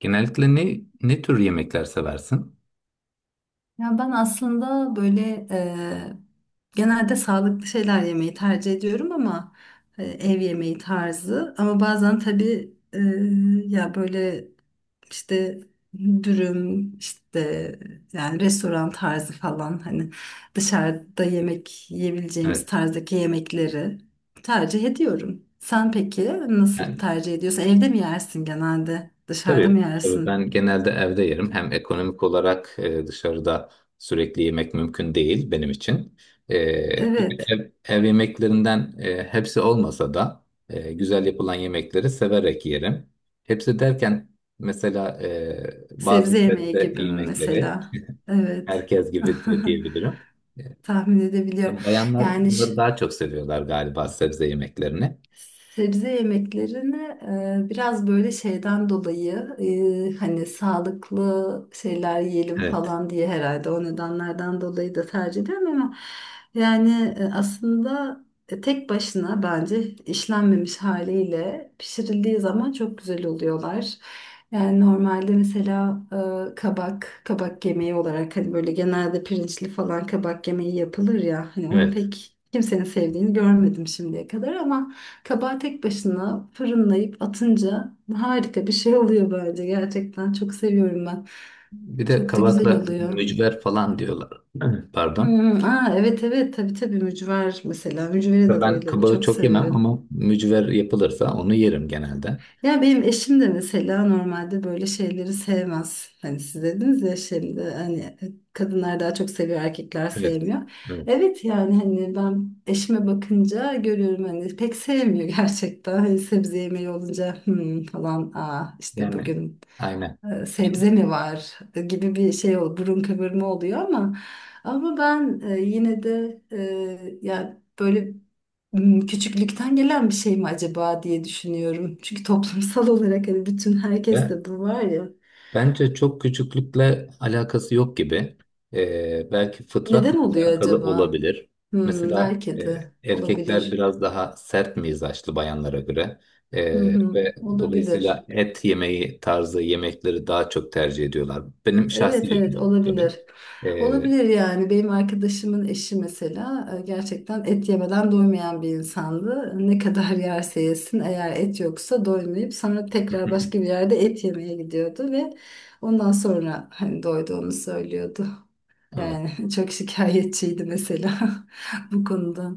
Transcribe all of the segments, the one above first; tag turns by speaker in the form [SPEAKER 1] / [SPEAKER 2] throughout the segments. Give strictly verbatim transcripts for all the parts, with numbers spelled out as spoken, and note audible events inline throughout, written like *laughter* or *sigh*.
[SPEAKER 1] Genellikle ne ne tür yemekler seversin?
[SPEAKER 2] Ya ben aslında böyle e, genelde sağlıklı şeyler yemeyi tercih ediyorum ama e, ev yemeği tarzı. Ama bazen tabii e, ya böyle işte dürüm işte yani restoran tarzı falan hani dışarıda yemek yiyebileceğimiz
[SPEAKER 1] Evet.
[SPEAKER 2] tarzdaki yemekleri tercih ediyorum. Sen peki nasıl
[SPEAKER 1] Yani,
[SPEAKER 2] tercih ediyorsun? Evde mi yersin genelde? Dışarıda mı
[SPEAKER 1] tabii, tabii
[SPEAKER 2] yersin?
[SPEAKER 1] ben genelde evde yerim. Hem ekonomik olarak e, dışarıda sürekli yemek mümkün değil benim için. E, bir de
[SPEAKER 2] Evet.
[SPEAKER 1] ev, ev yemeklerinden e, hepsi olmasa da e, güzel yapılan yemekleri severek yerim. Hepsi derken mesela e, bazı
[SPEAKER 2] Sebze yemeği
[SPEAKER 1] sebze
[SPEAKER 2] gibi mi
[SPEAKER 1] yemekleri
[SPEAKER 2] mesela? Evet.
[SPEAKER 1] herkes
[SPEAKER 2] *laughs*
[SPEAKER 1] gibi de diyebilirim.
[SPEAKER 2] Tahmin edebiliyorum.
[SPEAKER 1] E, bayanlar
[SPEAKER 2] Yani
[SPEAKER 1] bunları daha çok seviyorlar galiba sebze yemeklerini.
[SPEAKER 2] sebze yemeklerini e, biraz böyle şeyden dolayı e, hani sağlıklı şeyler yiyelim
[SPEAKER 1] Evet.
[SPEAKER 2] falan diye herhalde o nedenlerden dolayı da tercih ediyorum ama yani e, aslında e, tek başına bence işlenmemiş haliyle pişirildiği zaman çok güzel oluyorlar. Yani normalde mesela e, kabak, kabak yemeği olarak hani böyle genelde pirinçli falan kabak yemeği yapılır ya hani onu
[SPEAKER 1] Evet.
[SPEAKER 2] pek kimsenin sevdiğini görmedim şimdiye kadar ama kabağı tek başına fırınlayıp atınca harika bir şey oluyor bence. Gerçekten çok seviyorum ben.
[SPEAKER 1] Bir de
[SPEAKER 2] Çok da güzel
[SPEAKER 1] kabakla
[SPEAKER 2] oluyor.
[SPEAKER 1] mücver falan diyorlar. Evet. Pardon.
[SPEAKER 2] Hmm, aa, evet evet tabii tabii mücver mesela. Mücvere de
[SPEAKER 1] Ben
[SPEAKER 2] bayılırım.
[SPEAKER 1] kabağı
[SPEAKER 2] Çok
[SPEAKER 1] çok yemem
[SPEAKER 2] severim.
[SPEAKER 1] ama mücver yapılırsa onu yerim genelde.
[SPEAKER 2] Ya benim eşim de mesela normalde böyle şeyleri sevmez. Hani siz dediniz ya şimdi hani kadınlar daha çok seviyor, erkekler
[SPEAKER 1] Evet.
[SPEAKER 2] sevmiyor.
[SPEAKER 1] Evet.
[SPEAKER 2] Evet yani hani ben eşime bakınca görüyorum hani pek sevmiyor *laughs* gerçekten. Hani sebze yemeği olunca "Hmm," falan aa işte
[SPEAKER 1] Yani
[SPEAKER 2] bugün
[SPEAKER 1] aynen.
[SPEAKER 2] e,
[SPEAKER 1] Yani,
[SPEAKER 2] sebze mi var gibi bir şey ol, burun kıvırma oluyor ama ama ben e, yine de e, yani böyle m, küçüklükten gelen bir şey mi acaba diye düşünüyorum. Çünkü toplumsal olarak hani bütün
[SPEAKER 1] ve
[SPEAKER 2] herkeste bu var ya.
[SPEAKER 1] bence çok küçüklükle alakası yok gibi. Ee, belki fıtratla
[SPEAKER 2] Neden oluyor
[SPEAKER 1] alakalı
[SPEAKER 2] acaba?
[SPEAKER 1] olabilir.
[SPEAKER 2] Hmm,
[SPEAKER 1] Mesela
[SPEAKER 2] belki
[SPEAKER 1] e,
[SPEAKER 2] de
[SPEAKER 1] erkekler
[SPEAKER 2] olabilir.
[SPEAKER 1] biraz daha sert mizaçlı bayanlara göre.
[SPEAKER 2] Hı
[SPEAKER 1] Ee,
[SPEAKER 2] hı,
[SPEAKER 1] ve dolayısıyla
[SPEAKER 2] olabilir.
[SPEAKER 1] et yemeği tarzı yemekleri daha çok tercih ediyorlar. Benim şahsi
[SPEAKER 2] Evet evet
[SPEAKER 1] yorumum tabii.
[SPEAKER 2] olabilir.
[SPEAKER 1] Ee,
[SPEAKER 2] Olabilir yani. Benim arkadaşımın eşi mesela e, gerçekten et yemeden doymayan bir insandı. Ne kadar *laughs* yerse yesin eğer et yoksa doymayıp sonra tekrar başka bir yerde et yemeye gidiyordu ve ondan sonra hani doyduğunu söylüyordu.
[SPEAKER 1] *laughs*
[SPEAKER 2] Yani *laughs* çok şikayetçiydi mesela *laughs* bu konuda.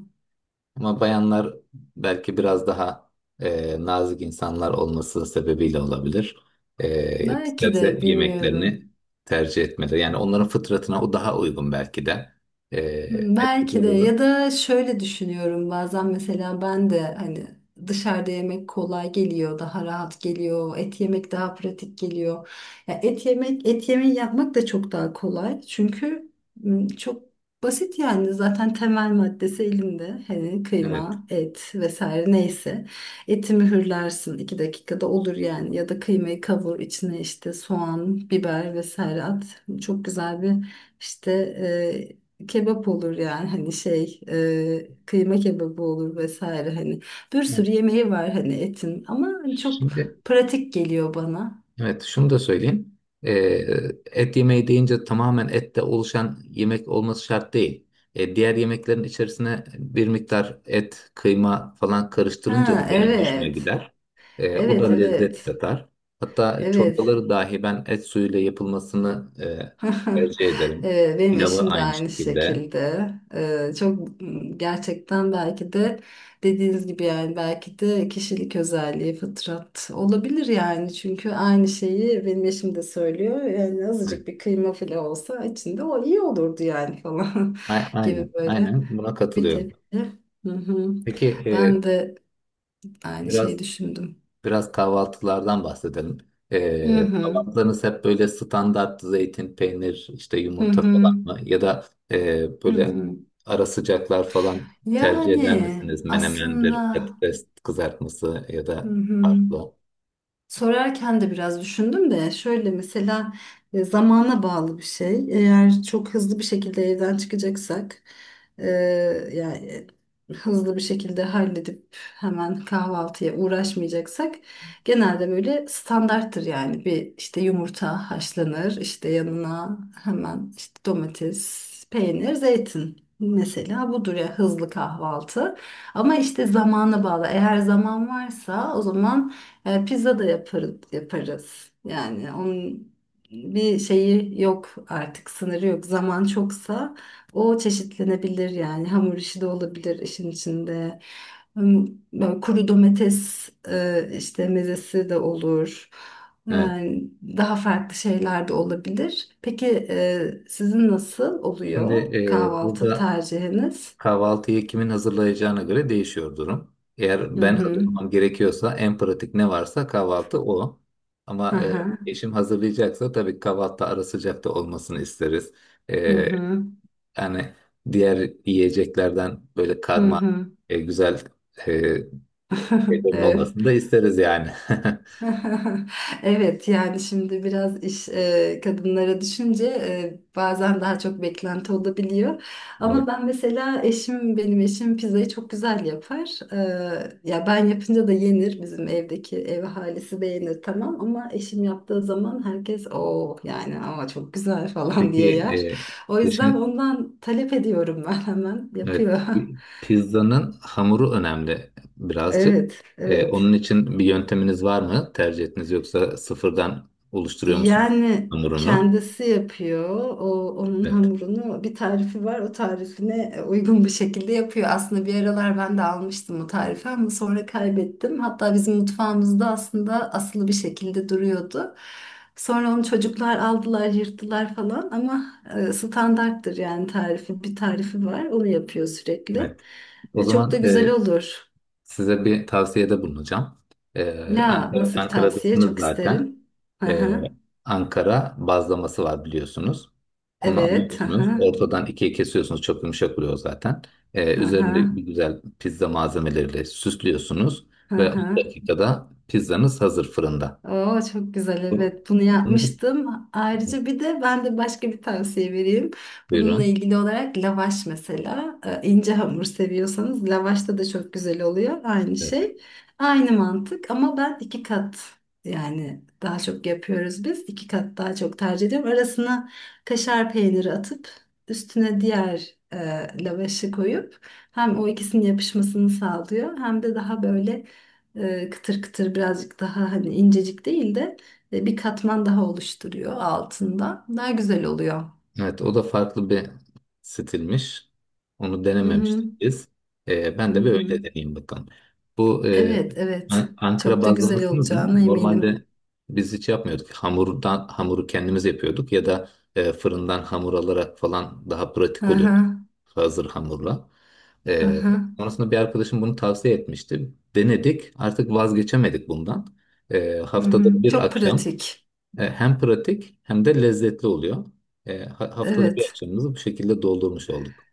[SPEAKER 1] Ama bayanlar belki biraz daha e, nazik insanlar olması sebebiyle olabilir. E,
[SPEAKER 2] Belki
[SPEAKER 1] sebze
[SPEAKER 2] de bilmiyorum.
[SPEAKER 1] yemeklerini tercih etmeleri. Yani onların fıtratına o daha uygun belki de. E, Erkekler
[SPEAKER 2] Belki de
[SPEAKER 1] olarak.
[SPEAKER 2] ya da şöyle düşünüyorum bazen mesela ben de hani dışarıda yemek kolay geliyor, daha rahat geliyor, et yemek daha pratik geliyor. Ya et yemek, et yemeği yapmak da çok daha kolay. Çünkü m, çok basit yani zaten temel maddesi elinde. Hani
[SPEAKER 1] Evet.
[SPEAKER 2] kıyma, et vesaire neyse. Eti mühürlersin iki dakikada olur yani ya da kıymayı kavur içine işte soğan, biber vesaire at. Çok güzel bir işte kebap olur yani hani şey e, kıyma kebabı olur vesaire hani bir sürü yemeği var hani etin ama hani çok
[SPEAKER 1] Şimdi
[SPEAKER 2] pratik geliyor bana.
[SPEAKER 1] Evet, şunu da söyleyeyim. Ee, et yemeği deyince tamamen ette oluşan yemek olması şart değil. Ee, diğer yemeklerin içerisine bir miktar et, kıyma falan karıştırınca da
[SPEAKER 2] Ha
[SPEAKER 1] benim hoşuma
[SPEAKER 2] evet.
[SPEAKER 1] gider. Ee, o da
[SPEAKER 2] Evet
[SPEAKER 1] lezzet
[SPEAKER 2] evet.
[SPEAKER 1] katar. Hatta
[SPEAKER 2] Evet.
[SPEAKER 1] çorbaları dahi ben et suyuyla yapılmasını e,
[SPEAKER 2] *laughs*
[SPEAKER 1] tercih ederim.
[SPEAKER 2] Eee, benim
[SPEAKER 1] Pilavı
[SPEAKER 2] eşim de
[SPEAKER 1] aynı
[SPEAKER 2] aynı
[SPEAKER 1] şekilde.
[SPEAKER 2] şekilde. Eee, Çok m, gerçekten belki de dediğiniz gibi yani belki de kişilik özelliği fıtrat olabilir yani. Çünkü aynı şeyi benim eşim de söylüyor. Yani
[SPEAKER 1] Evet.
[SPEAKER 2] azıcık bir kıyma file olsa içinde o iyi olurdu yani falan
[SPEAKER 1] A-
[SPEAKER 2] *laughs* gibi
[SPEAKER 1] Aynen,
[SPEAKER 2] böyle
[SPEAKER 1] aynen buna
[SPEAKER 2] bir
[SPEAKER 1] katılıyorum.
[SPEAKER 2] tepki. Hı hı.
[SPEAKER 1] Peki e,
[SPEAKER 2] Ben de aynı şeyi
[SPEAKER 1] biraz
[SPEAKER 2] düşündüm.
[SPEAKER 1] biraz kahvaltılardan bahsedelim.
[SPEAKER 2] Hı
[SPEAKER 1] Ee,
[SPEAKER 2] hı.
[SPEAKER 1] kahvaltılarınız hep böyle standart zeytin, peynir, işte
[SPEAKER 2] Hı
[SPEAKER 1] yumurta falan
[SPEAKER 2] hı.
[SPEAKER 1] mı? Ya da e, böyle
[SPEAKER 2] Hı.
[SPEAKER 1] ara sıcaklar falan tercih eder
[SPEAKER 2] Yani
[SPEAKER 1] misiniz? Menemendir,
[SPEAKER 2] aslında
[SPEAKER 1] patates kızartması ya
[SPEAKER 2] hı
[SPEAKER 1] da
[SPEAKER 2] hı.
[SPEAKER 1] farklı.
[SPEAKER 2] Sorarken de biraz düşündüm de şöyle mesela e, zamana bağlı bir şey. Eğer çok hızlı bir şekilde evden çıkacaksak e, yani hızlı bir şekilde halledip hemen kahvaltıya uğraşmayacaksak genelde böyle standarttır yani bir işte yumurta haşlanır işte yanına hemen işte domates, peynir, zeytin. Mesela budur ya hızlı kahvaltı. Ama işte zamana bağlı. Eğer zaman varsa o zaman e, pizza da yaparız, yaparız. Yani onun bir şeyi yok artık sınırı yok. Zaman çoksa o çeşitlenebilir yani hamur işi de olabilir işin içinde. Hmm, Böyle kuru domates e, işte mezesi de olur.
[SPEAKER 1] Evet.
[SPEAKER 2] Yani daha farklı şeyler de olabilir. Peki e, sizin nasıl
[SPEAKER 1] Şimdi
[SPEAKER 2] oluyor
[SPEAKER 1] e,
[SPEAKER 2] kahvaltı
[SPEAKER 1] burada
[SPEAKER 2] tercihiniz?
[SPEAKER 1] kahvaltıyı kimin hazırlayacağına göre değişiyor durum. Eğer
[SPEAKER 2] Hı
[SPEAKER 1] ben
[SPEAKER 2] hı.
[SPEAKER 1] hazırlamam gerekiyorsa en pratik ne varsa kahvaltı o.
[SPEAKER 2] Hı
[SPEAKER 1] Ama e,
[SPEAKER 2] hı.
[SPEAKER 1] eşim hazırlayacaksa tabii kahvaltı ara sıcak da olmasını isteriz.
[SPEAKER 2] Hı
[SPEAKER 1] E,
[SPEAKER 2] hı.
[SPEAKER 1] Yani diğer yiyeceklerden böyle
[SPEAKER 2] Hı
[SPEAKER 1] karma
[SPEAKER 2] hı.
[SPEAKER 1] e, güzel e, şeylerin
[SPEAKER 2] Evet.
[SPEAKER 1] olmasını da isteriz yani. *laughs*
[SPEAKER 2] *laughs* Evet yani şimdi biraz iş e, kadınlara düşünce e, bazen daha çok beklenti olabiliyor.
[SPEAKER 1] Evet.
[SPEAKER 2] Ama ben mesela eşim benim eşim pizzayı çok güzel yapar. E, ya ben yapınca da yenir bizim evdeki ev ahalisi beğenir tamam ama eşim yaptığı zaman herkes o yani ama çok güzel *laughs* falan diye
[SPEAKER 1] Peki
[SPEAKER 2] yer.
[SPEAKER 1] e,
[SPEAKER 2] O yüzden
[SPEAKER 1] eşin.
[SPEAKER 2] ondan talep ediyorum ben hemen
[SPEAKER 1] Evet,
[SPEAKER 2] yapıyor. *laughs*
[SPEAKER 1] pizzanın hamuru önemli birazcık.
[SPEAKER 2] Evet,
[SPEAKER 1] Ee, onun
[SPEAKER 2] evet.
[SPEAKER 1] için bir yönteminiz var mı? Tercih ettiniz yoksa sıfırdan oluşturuyor musunuz
[SPEAKER 2] Yani
[SPEAKER 1] hamurunu?
[SPEAKER 2] kendisi yapıyor. O onun
[SPEAKER 1] Evet,
[SPEAKER 2] hamurunu bir tarifi var. O tarifine e, uygun bir şekilde yapıyor. Aslında bir aralar ben de almıştım o tarifi ama sonra kaybettim. Hatta bizim mutfağımızda aslında asılı bir şekilde duruyordu. Sonra onu çocuklar aldılar, yırttılar falan ama e, standarttır yani tarifi. Bir tarifi var. Onu yapıyor sürekli.
[SPEAKER 1] evet. O
[SPEAKER 2] E, Çok da
[SPEAKER 1] zaman
[SPEAKER 2] güzel
[SPEAKER 1] e,
[SPEAKER 2] olur.
[SPEAKER 1] size bir tavsiyede bulunacağım. Ee,
[SPEAKER 2] Ya
[SPEAKER 1] Ankara,
[SPEAKER 2] nasıl bir tavsiye?
[SPEAKER 1] Ankara'dasınız
[SPEAKER 2] Çok
[SPEAKER 1] zaten.
[SPEAKER 2] isterim.
[SPEAKER 1] Ee,
[SPEAKER 2] Aha,
[SPEAKER 1] Ankara bazlaması var biliyorsunuz. Onu
[SPEAKER 2] evet.
[SPEAKER 1] alıyorsunuz.
[SPEAKER 2] Aha,
[SPEAKER 1] Ortadan ikiye kesiyorsunuz. Çok yumuşak oluyor zaten. Ee, üzerinde bir
[SPEAKER 2] aha.
[SPEAKER 1] güzel pizza malzemeleriyle süslüyorsunuz.
[SPEAKER 2] Hı
[SPEAKER 1] Ve on
[SPEAKER 2] hı.
[SPEAKER 1] dakikada pizzanız hazır fırında.
[SPEAKER 2] Oo, çok güzel
[SPEAKER 1] Bunu-
[SPEAKER 2] evet bunu
[SPEAKER 1] bunu-
[SPEAKER 2] yapmıştım. Ayrıca bir de ben de başka bir tavsiye vereyim. Bununla
[SPEAKER 1] Buyurun.
[SPEAKER 2] ilgili olarak lavaş mesela Ee, ince hamur seviyorsanız lavaşta da çok güzel oluyor aynı
[SPEAKER 1] Evet.
[SPEAKER 2] şey. Aynı mantık ama ben iki kat yani daha çok yapıyoruz biz. İki kat daha çok tercih ediyorum. Arasına kaşar peyniri atıp üstüne diğer e, lavaşı koyup hem o ikisinin yapışmasını sağlıyor hem de daha böyle e, kıtır kıtır birazcık daha hani incecik değil de e, bir katman daha oluşturuyor altında. Daha güzel oluyor.
[SPEAKER 1] Evet, o da farklı bir stilmiş. Onu
[SPEAKER 2] Hı hı.
[SPEAKER 1] denememiştik biz. Ee, ben
[SPEAKER 2] Hı
[SPEAKER 1] de bir
[SPEAKER 2] hı.
[SPEAKER 1] öyle deneyeyim bakalım. Bu e,
[SPEAKER 2] Evet,
[SPEAKER 1] An-
[SPEAKER 2] evet.
[SPEAKER 1] Ankara
[SPEAKER 2] Çok da güzel
[SPEAKER 1] bazlamasını da
[SPEAKER 2] olacağına eminim.
[SPEAKER 1] normalde biz hiç yapmıyorduk. Hamurdan hamuru kendimiz yapıyorduk ya da e, fırından hamur alarak falan daha
[SPEAKER 2] Hı
[SPEAKER 1] pratik oluyordu
[SPEAKER 2] hı.
[SPEAKER 1] hazır hamurla.
[SPEAKER 2] Hı
[SPEAKER 1] Ee,
[SPEAKER 2] hı.
[SPEAKER 1] Sonrasında bir arkadaşım bunu tavsiye etmişti. Denedik. Artık vazgeçemedik bundan. Ee,
[SPEAKER 2] Hı
[SPEAKER 1] haftada
[SPEAKER 2] hı.
[SPEAKER 1] bir
[SPEAKER 2] Çok
[SPEAKER 1] akşam
[SPEAKER 2] pratik.
[SPEAKER 1] e, hem pratik hem de lezzetli oluyor. E, ha- haftada bir
[SPEAKER 2] Evet.
[SPEAKER 1] akşamımızı bu şekilde doldurmuş olduk.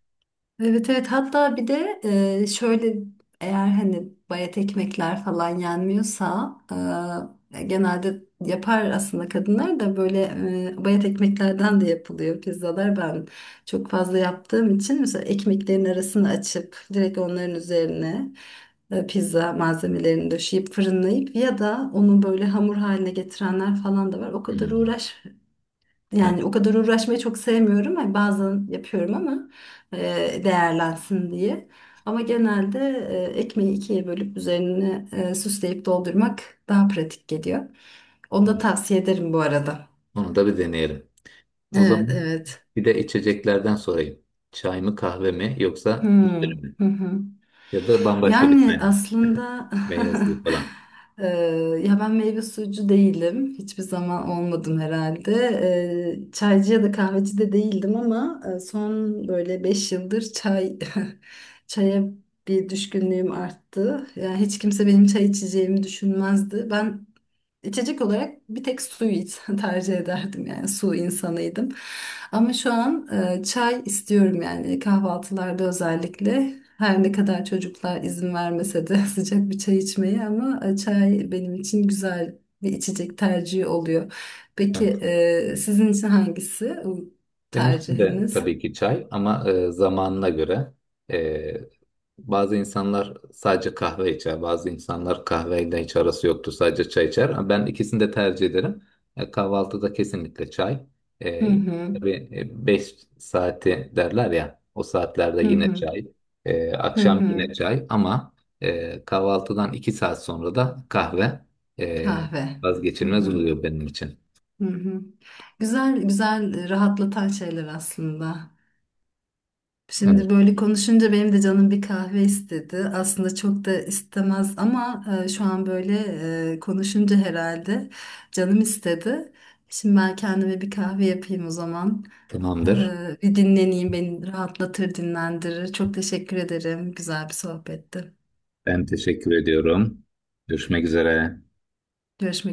[SPEAKER 2] Evet evet hatta bir de e, şöyle eğer hani bayat ekmekler falan yenmiyorsa e, genelde yapar aslında kadınlar da böyle e, bayat ekmeklerden de yapılıyor pizzalar. Ben çok fazla yaptığım için mesela ekmeklerin arasını açıp direkt onların üzerine e, pizza malzemelerini döşeyip fırınlayıp ya da onu böyle hamur haline getirenler falan da var. O kadar
[SPEAKER 1] Hmm,
[SPEAKER 2] uğraş
[SPEAKER 1] evet.
[SPEAKER 2] yani o kadar uğraşmayı çok sevmiyorum. Hani bazen yapıyorum ama e, değerlensin diye. Ama genelde e, ekmeği ikiye bölüp üzerine e, süsleyip doldurmak daha pratik geliyor. Onu da
[SPEAKER 1] Hmm.
[SPEAKER 2] tavsiye ederim bu arada.
[SPEAKER 1] Onu da bir deneyelim. O
[SPEAKER 2] Evet,
[SPEAKER 1] zaman
[SPEAKER 2] evet.
[SPEAKER 1] bir de içeceklerden sorayım. Çay mı kahve mi yoksa
[SPEAKER 2] Hmm,
[SPEAKER 1] hiçbiri mi?
[SPEAKER 2] Hı hı.
[SPEAKER 1] Ya da bambaşka bir
[SPEAKER 2] Yani
[SPEAKER 1] tane mi?
[SPEAKER 2] aslında
[SPEAKER 1] *laughs* Meyve suyu falan.
[SPEAKER 2] *laughs* eee, ya ben meyve suyucu değilim. Hiçbir zaman olmadım herhalde. Eee, çaycı ya da kahveci de değildim ama eee, son böyle beş yıldır çay *laughs* çaya bir düşkünlüğüm arttı. Yani hiç kimse benim çay içeceğimi düşünmezdi. Ben İçecek olarak bir tek suyu iç- *laughs* tercih ederdim yani su insanıydım. Ama şu an e, çay istiyorum yani kahvaltılarda özellikle. Her ne kadar çocuklar izin vermese de *laughs* sıcak bir çay içmeyi ama e, çay benim için güzel bir içecek tercihi oluyor. Peki
[SPEAKER 1] Evet.
[SPEAKER 2] e, sizin için hangisi o
[SPEAKER 1] Benim için de
[SPEAKER 2] tercihiniz?
[SPEAKER 1] tabii ki çay ama e, zamanına göre e, bazı insanlar sadece kahve içer, bazı insanlar kahveyle hiç arası yoktur, sadece çay içer. Ama ben ikisini de tercih ederim. E, kahvaltıda kesinlikle çay.
[SPEAKER 2] Hı
[SPEAKER 1] E,
[SPEAKER 2] hı,
[SPEAKER 1] tabii beş saati derler ya, o saatlerde
[SPEAKER 2] hı
[SPEAKER 1] yine
[SPEAKER 2] hı,
[SPEAKER 1] çay. E,
[SPEAKER 2] hı
[SPEAKER 1] akşam yine
[SPEAKER 2] hı.
[SPEAKER 1] çay ama e, kahvaltıdan iki saat sonra da kahve e,
[SPEAKER 2] Kahve. Hı
[SPEAKER 1] vazgeçilmez
[SPEAKER 2] hı,
[SPEAKER 1] oluyor benim için.
[SPEAKER 2] hı hı. Güzel güzel e, rahatlatan şeyler aslında.
[SPEAKER 1] Evet,
[SPEAKER 2] Şimdi böyle konuşunca benim de canım bir kahve istedi. Aslında çok da istemez ama e, şu an böyle e, konuşunca herhalde canım istedi. Şimdi ben kendime bir kahve yapayım o zaman. E,
[SPEAKER 1] tamamdır.
[SPEAKER 2] bir dinleneyim, beni rahatlatır, dinlendirir. Çok teşekkür ederim. Güzel bir sohbetti.
[SPEAKER 1] Ben teşekkür ediyorum. Görüşmek üzere.
[SPEAKER 2] Görüşmek